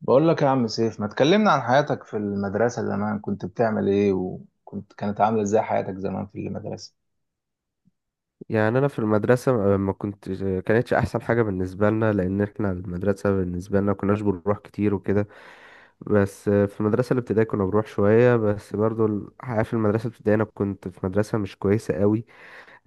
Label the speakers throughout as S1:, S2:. S1: بقول لك يا عم سيف، ما تكلمنا عن حياتك في المدرسة زمان. كنت بتعمل ايه؟ وكنت كانت عاملة ازاي حياتك زمان في المدرسة؟
S2: يعني انا في المدرسه ما كنت كانتش احسن حاجه بالنسبه لنا لان احنا المدرسه بالنسبه لنا كناش بنروح كتير وكده. بس في المدرسه الابتدائيه كنا بنروح شويه، بس برضو الحقيقه في المدرسه الابتدائيه انا كنت في مدرسه مش كويسه قوي.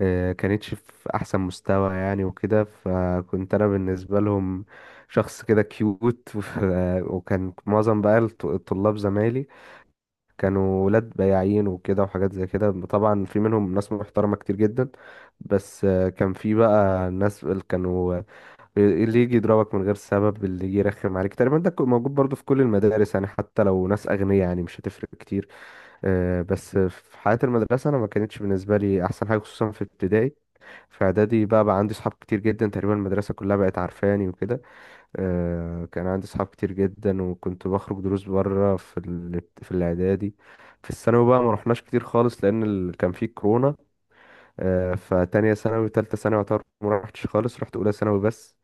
S2: كانتش في احسن مستوى يعني وكده، فكنت انا بالنسبه لهم شخص كده كيوت. وكان معظم بقى الطلاب زمايلي كانوا ولاد بياعين وكده وحاجات زي كده، طبعا في منهم ناس محترمة كتير جدا. بس كان في بقى ناس اللي كانوا اللي يجي يضربك من غير سبب، اللي يجي يرخم عليك، تقريبا ده كان موجود برضو في كل المدارس يعني، حتى لو ناس أغنياء يعني مش هتفرق كتير. بس في حياة المدرسة أنا ما كانتش بالنسبة لي أحسن حاجة، خصوصا في ابتدائي. في إعدادي بقى عندي صحاب كتير جدا، تقريبا المدرسة كلها بقت عارفاني وكده. كان عندي صحاب كتير جدا، وكنت بخرج دروس بره في في الاعدادي. في الثانوي بقى ما رحناش كتير خالص لان كان في كورونا. فتانية ثانوي وتالتة ثانوي يعتبر ما رحتش خالص، رحت اولى ثانوي بس.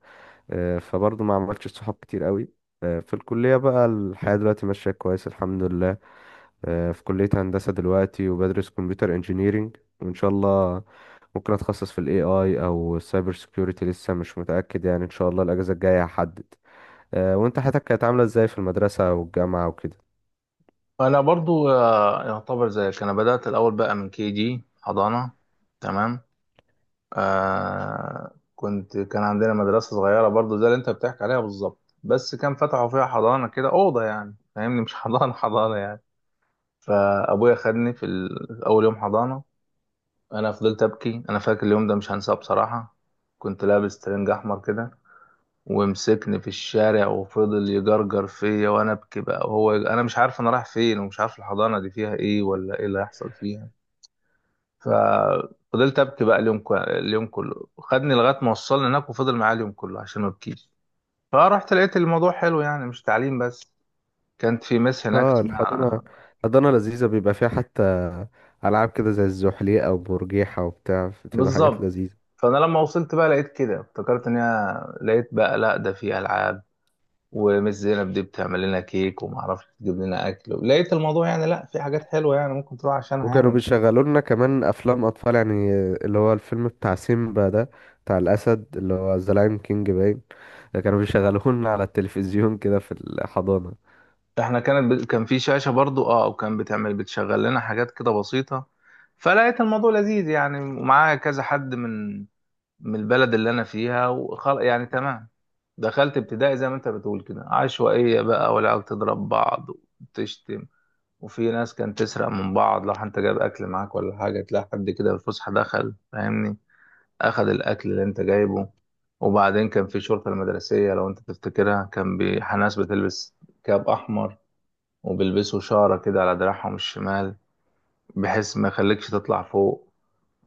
S2: فبرضه ما عملتش صحاب كتير قوي. في الكلية بقى الحياة دلوقتي ماشية كويس الحمد لله. في كلية هندسة دلوقتي وبدرس كمبيوتر انجينيرينج، وإن شاء الله ممكن أتخصص في ال AI أو السايبر سيكيورتي، لسه مش متأكد يعني، إن شاء الله الأجازة الجاية هحدد. وانت حياتك كانت عاملة ازاي في المدرسة والجامعة وكده؟
S1: انا برضو يعتبر زيك، انا بدأت الاول بقى من كي جي حضانة. تمام. آه، كان عندنا مدرسة صغيرة برضو زي اللي انت بتحكي عليها بالظبط، بس كان فتحوا فيها حضانة كده، أوضة يعني فاهمني، مش حضانة حضانة يعني. فأبويا خدني في أول يوم حضانة. أنا فضلت أبكي، أنا فاكر اليوم ده مش هنساه بصراحة. كنت لابس ترنج أحمر كده، ومسكني في الشارع وفضل يجرجر فيا وانا ابكي بقى، وهو انا مش عارف انا رايح فين ومش عارف الحضانه دي فيها ايه ولا ايه اللي هيحصل فيها. ففضلت ابكي بقى اليوم كله، خدني لغايه ما وصلنا هناك وفضل معايا اليوم كله عشان ما ابكيش. فرحت لقيت الموضوع حلو، يعني مش تعليم بس. كانت في مس هناك
S2: اه
S1: اسمها
S2: الحضانة. الحضانة لذيذة، بيبقى فيها حتى ألعاب كده زي الزحليقة وبرجيحة وبتاع، بتبقى حاجات
S1: بالظبط.
S2: لذيذة.
S1: فانا لما وصلت بقى لقيت كده، افتكرت ان هي، لقيت بقى لا ده في العاب، ومس زينب دي بتعمل لنا كيك وما اعرفش تجيب لنا اكل. لقيت الموضوع يعني، لا في حاجات حلوه يعني، ممكن تروح عشانها
S2: وكانوا
S1: يعني، مش
S2: بيشغلوا لنا كمان أفلام أطفال، يعني اللي هو الفيلم بتاع سيمبا ده، بتاع الأسد اللي هو ذا لاين كينج باين، ده كانوا بيشغلوه لنا على التلفزيون كده في الحضانة.
S1: كان في شاشه برضو، اه، وكان بتعمل بتشغل لنا حاجات كده بسيطه. فلقيت الموضوع لذيذ يعني، ومعايا كذا حد من من البلد اللي انا فيها يعني تمام. دخلت ابتدائي زي ما انت بتقول كده، عشوائيه بقى، والعيال تضرب بعض وتشتم، وفي ناس كانت تسرق من بعض. لو انت جايب اكل معاك ولا حاجه، تلاقي حد كده في الفسحه دخل فاهمني، أخذ الأكل اللي أنت جايبه. وبعدين كان في شرطة المدرسية لو أنت تفتكرها، كان ناس بتلبس كاب أحمر وبيلبسوا شارة كده على دراعهم الشمال، بحيث ما يخليكش تطلع فوق،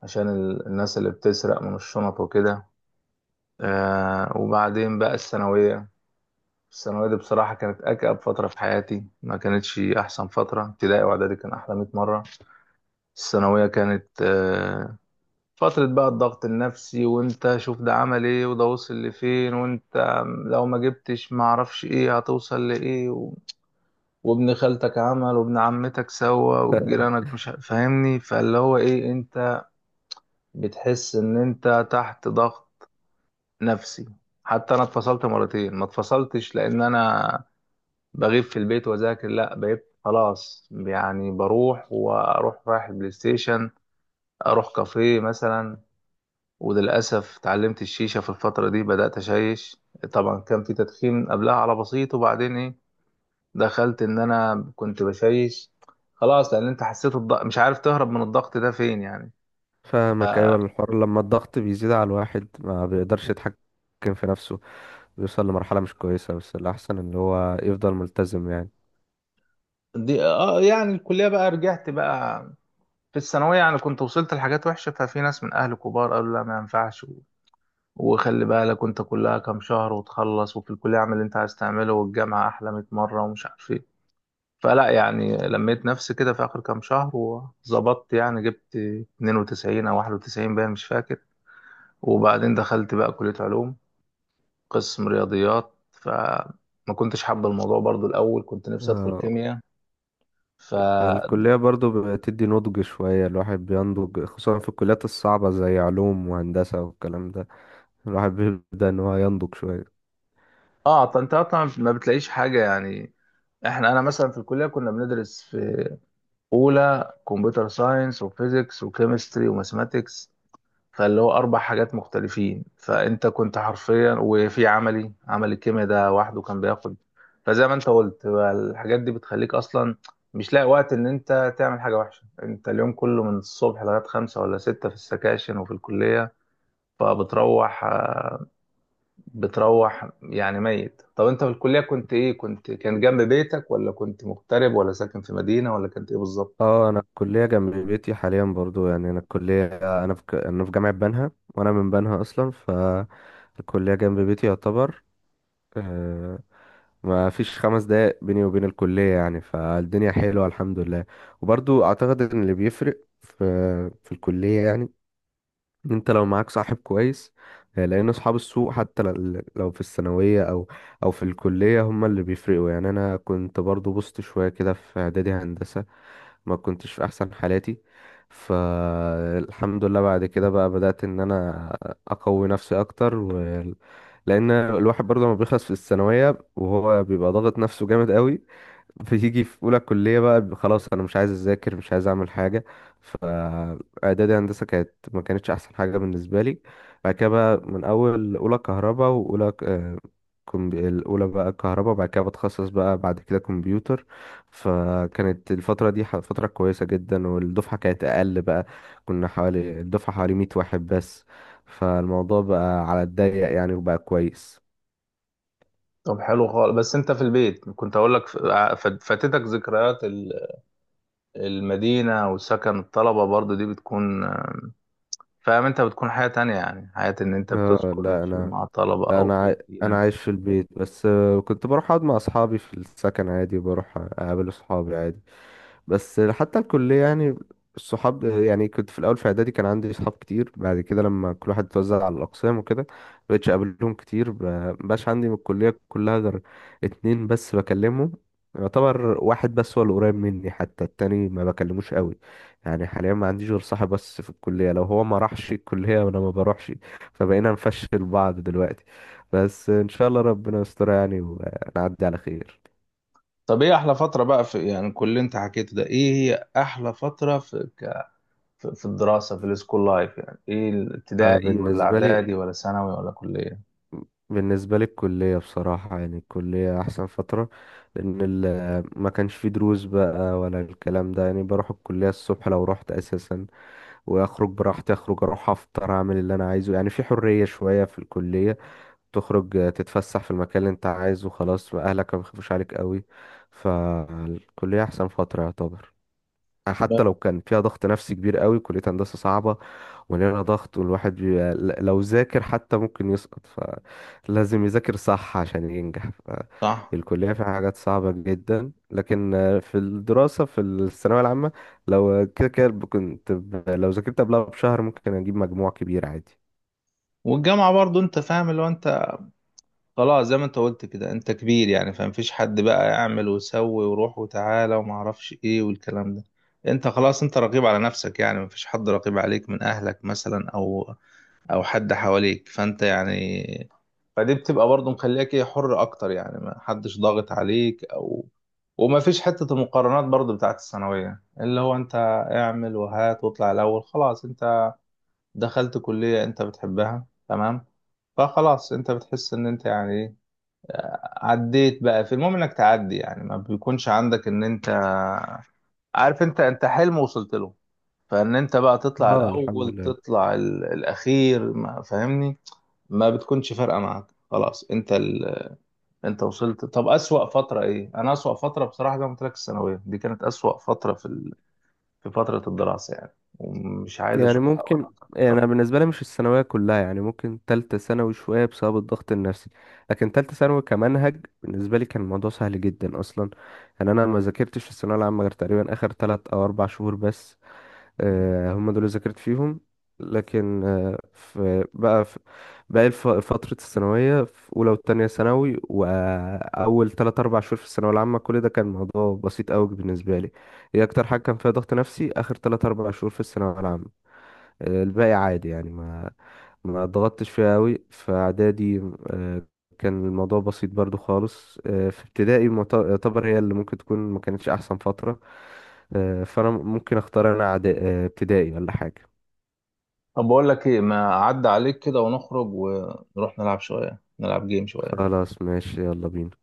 S1: عشان الناس اللي بتسرق من الشنط وكده. آه، وبعدين بقى الثانوية. الثانوية دي بصراحة كانت أكأب فترة في حياتي، ما كانتش أحسن فترة. ابتدائي وإعدادي كان أحلى 100 مرة. الثانوية كانت فترة بقى الضغط النفسي، وانت شوف ده عمل ايه، وده وصل لفين، وانت لو ما جبتش ما اعرفش ايه هتوصل لايه، و... وابن خالتك عمل وابن عمتك سوى وجيرانك مش فاهمني، فاللي هو ايه، انت بتحس ان انت تحت ضغط نفسي. حتى انا اتفصلت مرتين، ما اتفصلتش لان انا بغيب في البيت واذاكر، لا، بقيت خلاص يعني بروح واروح رايح البلاي ستيشن، اروح كافيه مثلا. وللأسف اتعلمت الشيشة في الفترة دي، بدأت أشيش. طبعا كان في تدخين قبلها على بسيط، وبعدين إيه، دخلت إن أنا كنت بشيش خلاص، لأن أنت حسيت الضغط، مش عارف تهرب من الضغط ده فين يعني.
S2: فاهمك، أيوة الحوار، لما الضغط بيزيد على الواحد ما بيقدرش يتحكم في نفسه، بيوصل لمرحلة مش كويسة، بس الأحسن إن هو يفضل ملتزم يعني.
S1: دي آه، يعني الكلية بقى، رجعت بقى. في الثانوية يعني كنت وصلت لحاجات وحشة، ففي ناس من أهل كبار قالوا لا ما ينفعش، وخلي بالك أنت كلها كام شهر وتخلص، وفي الكلية اعمل اللي أنت عايز تعمله، والجامعة أحلى 100 مرة ومش عارف إيه. فلا يعني، لميت نفسي كده في آخر كام شهر وظبطت يعني، جبت 92 أو 91، باين مش فاكر. وبعدين دخلت بقى كلية علوم، قسم رياضيات. فما كنتش حابة الموضوع برضو، الأول كنت نفسي أدخل
S2: آه،
S1: كيمياء. ف
S2: الكلية برضو بتدي نضج شوية، الواحد بينضج خصوصا في الكليات الصعبة زي علوم وهندسة والكلام ده، الواحد بيبدأ إن هو ينضج شوية.
S1: اه طنطا طبعا ما بتلاقيش حاجة يعني. احنا انا مثلا في الكلية كنا بندرس في اولى كمبيوتر ساينس وفيزيكس وكيمستري وماثماتكس، فاللي هو اربع حاجات مختلفين، فانت كنت حرفيا وفي عملي، عمل الكيمياء ده وحده كان بياخد. فزي ما انت قلت بقى، الحاجات دي بتخليك اصلا مش لاقي وقت ان انت تعمل حاجه وحشه. انت اليوم كله من الصبح لغايه خمسة ولا ستة في السكاشن وفي الكليه. فبتروح يعني ميت. طب انت في الكليه كنت ايه؟ كنت كان جنب بيتك، ولا كنت مغترب، ولا ساكن في مدينه، ولا كنت ايه بالظبط؟
S2: اه انا الكليه جنب بيتي حاليا برضو، يعني انا الكليه، انا في انا في جامعه بنها وانا من بنها اصلا، فالكليه جنب بيتي يعتبر. آه، ما فيش خمس دقايق بيني وبين الكلية يعني، فالدنيا حلوة الحمد لله. وبرضو أعتقد إن اللي بيفرق في الكلية يعني إن انت لو معاك صاحب كويس. لان اصحاب السوق حتى لو في الثانويه او او في الكليه هم اللي بيفرقوا يعني. انا كنت برضو بوظت شويه كده في اعدادي هندسه، ما كنتش في احسن حالاتي. فالحمد لله بعد كده بقى بدات ان انا اقوي نفسي اكتر و... لان الواحد برضه لما بيخلص في الثانويه وهو بيبقى ضاغط نفسه جامد قوي، بتيجي في اولى كليه بقى خلاص انا مش عايز اذاكر مش عايز اعمل حاجه. فاعدادي هندسه كانت ما كانتش احسن حاجه بالنسبه لي. بعد كده بقى من اول اولى كهرباء واولى الاولى بقى كهرباء، بعد كده بتخصص بقى بعد كده كمبيوتر. فكانت الفتره دي فتره كويسه جدا، والدفعه كانت اقل بقى، كنا حوالي الدفعه 100 واحد بس، فالموضوع بقى على الضيق يعني وبقى كويس.
S1: طب حلو خالص، بس انت في البيت كنت اقول لك فاتتك ذكريات المدينة وسكن الطلبة، برضو دي بتكون فاهم، انت بتكون حياة تانية يعني، حياة ان انت
S2: اه
S1: بتسكن
S2: لا انا،
S1: مع الطلبة
S2: لا
S1: او في
S2: انا عاي... انا
S1: المدينة.
S2: عايش في البيت، بس كنت بروح اقعد مع اصحابي في السكن عادي، بروح اقابل اصحابي عادي. بس حتى الكلية يعني الصحاب، يعني كنت في الأول في إعدادي كان عندي صحاب كتير، بعد كده لما كل واحد اتوزع على الأقسام وكده مبقتش أقابلهم كتير. مبقاش عندي من الكلية كلها غير اتنين بس بكلمهم، يعتبر واحد بس هو اللي قريب مني، حتى التاني ما بكلموش قوي. يعني حاليا ما عنديش غير صاحب بس في الكلية، لو هو ما راحش الكلية وأنا ما بروحش فبقينا نفشل بعض دلوقتي. بس إن شاء الله ربنا يستر يعني ونعدي على خير.
S1: طب ايه احلى فترة بقى في يعني كل اللي انت حكيته ده؟ ايه هي احلى فترة في في في الدراسة، في السكول لايف يعني، ايه، الابتدائي ولا
S2: بالنسبة لي
S1: اعدادي ولا ثانوي ولا كلية؟
S2: بالنسبة لي الكلية بصراحة يعني الكلية أحسن فترة، لأن ما كانش فيه دروس بقى ولا الكلام ده يعني، بروح الكلية الصبح لو رحت أساسا وأخرج براحتي، أخرج أروح أفطر أعمل اللي أنا عايزه، يعني في حرية شوية في الكلية. تخرج تتفسح في المكان اللي أنت عايزه، خلاص أهلك ما بيخافوش عليك قوي. فالكلية أحسن فترة يعتبر، يعني
S1: لا.
S2: حتى لو كان فيها ضغط نفسي كبير قوي، كلية هندسة صعبة ولنا ضغط، لو ذاكر حتى ممكن يسقط، فلازم يذاكر صح عشان ينجح.
S1: صح.
S2: فالكلية فيها حاجات صعبة جدا، لكن في الدراسة في الثانوية العامة لو كده كده كنت لو ذاكرت قبلها بشهر ممكن أجيب مجموع كبير عادي.
S1: والجامعة برضو انت فاهم اللي هو انت خلاص، زي ما انت قلت كده، انت كبير يعني، فمفيش حد بقى يعمل ويسوي، وروح وتعالى، وما اعرفش ايه والكلام ده. انت خلاص، انت رقيب على نفسك يعني، مفيش حد رقيب عليك من اهلك مثلا، او او حد حواليك، فانت يعني، فدي بتبقى برضه مخليك ايه، حر اكتر يعني، ما حدش ضاغط عليك او، وما فيش حتة المقارنات برضه بتاعت الثانوية، اللي هو انت اعمل وهات واطلع الاول. خلاص انت دخلت كلية انت بتحبها، تمام، فخلاص انت بتحس ان انت يعني ايه، عديت بقى في، المهم انك تعدي يعني، ما بيكونش عندك ان انت عارف انت، انت حلم وصلت له. فان انت بقى تطلع
S2: اه الحمد
S1: الاول
S2: لله.
S1: تطلع الاخير، ما فاهمني، ما بتكونش فارقه معاك، خلاص انت انت وصلت. طب اسوأ فتره ايه؟ انا اسوأ فتره بصراحه زي ما قلت لك، الثانويه دي كانت اسوأ فتره في في فتره الدراسه يعني، ومش عايز
S2: يعني
S1: اشوفها ولا
S2: ممكن يعني انا
S1: أتذكرها.
S2: بالنسبه لي مش الثانويه كلها، يعني ممكن تالتة ثانوي شويه بسبب الضغط النفسي، لكن تالتة ثانوي كمنهج بالنسبه لي كان الموضوع سهل جدا اصلا. يعني انا ما ذاكرتش في الثانويه العامه غير تقريبا اخر ثلاث او اربع شهور بس، هم دول اللي ذاكرت فيهم. لكن في باقي فتره الثانويه في اولى وثانيه ثانوي واول ثلاث اربع شهور في الثانويه العامه كل ده كان موضوع بسيط قوي بالنسبه لي. هي اكتر حاجه كان فيها ضغط نفسي اخر ثلاث اربع شهور في الثانويه العامه. الباقي عادي يعني، ما ضغطتش فيها قوي. في اعدادي آه، كان الموضوع بسيط برضو خالص. في ابتدائي يعتبر هي اللي ممكن تكون ما كانتش احسن فترة. فانا ممكن اختار انا ابتدائي ولا حاجة.
S1: طب بقول لك ايه، ما عدى عليك كده، ونخرج ونروح نلعب شويه، نلعب جيم شويه.
S2: خلاص ماشي يلا بينا.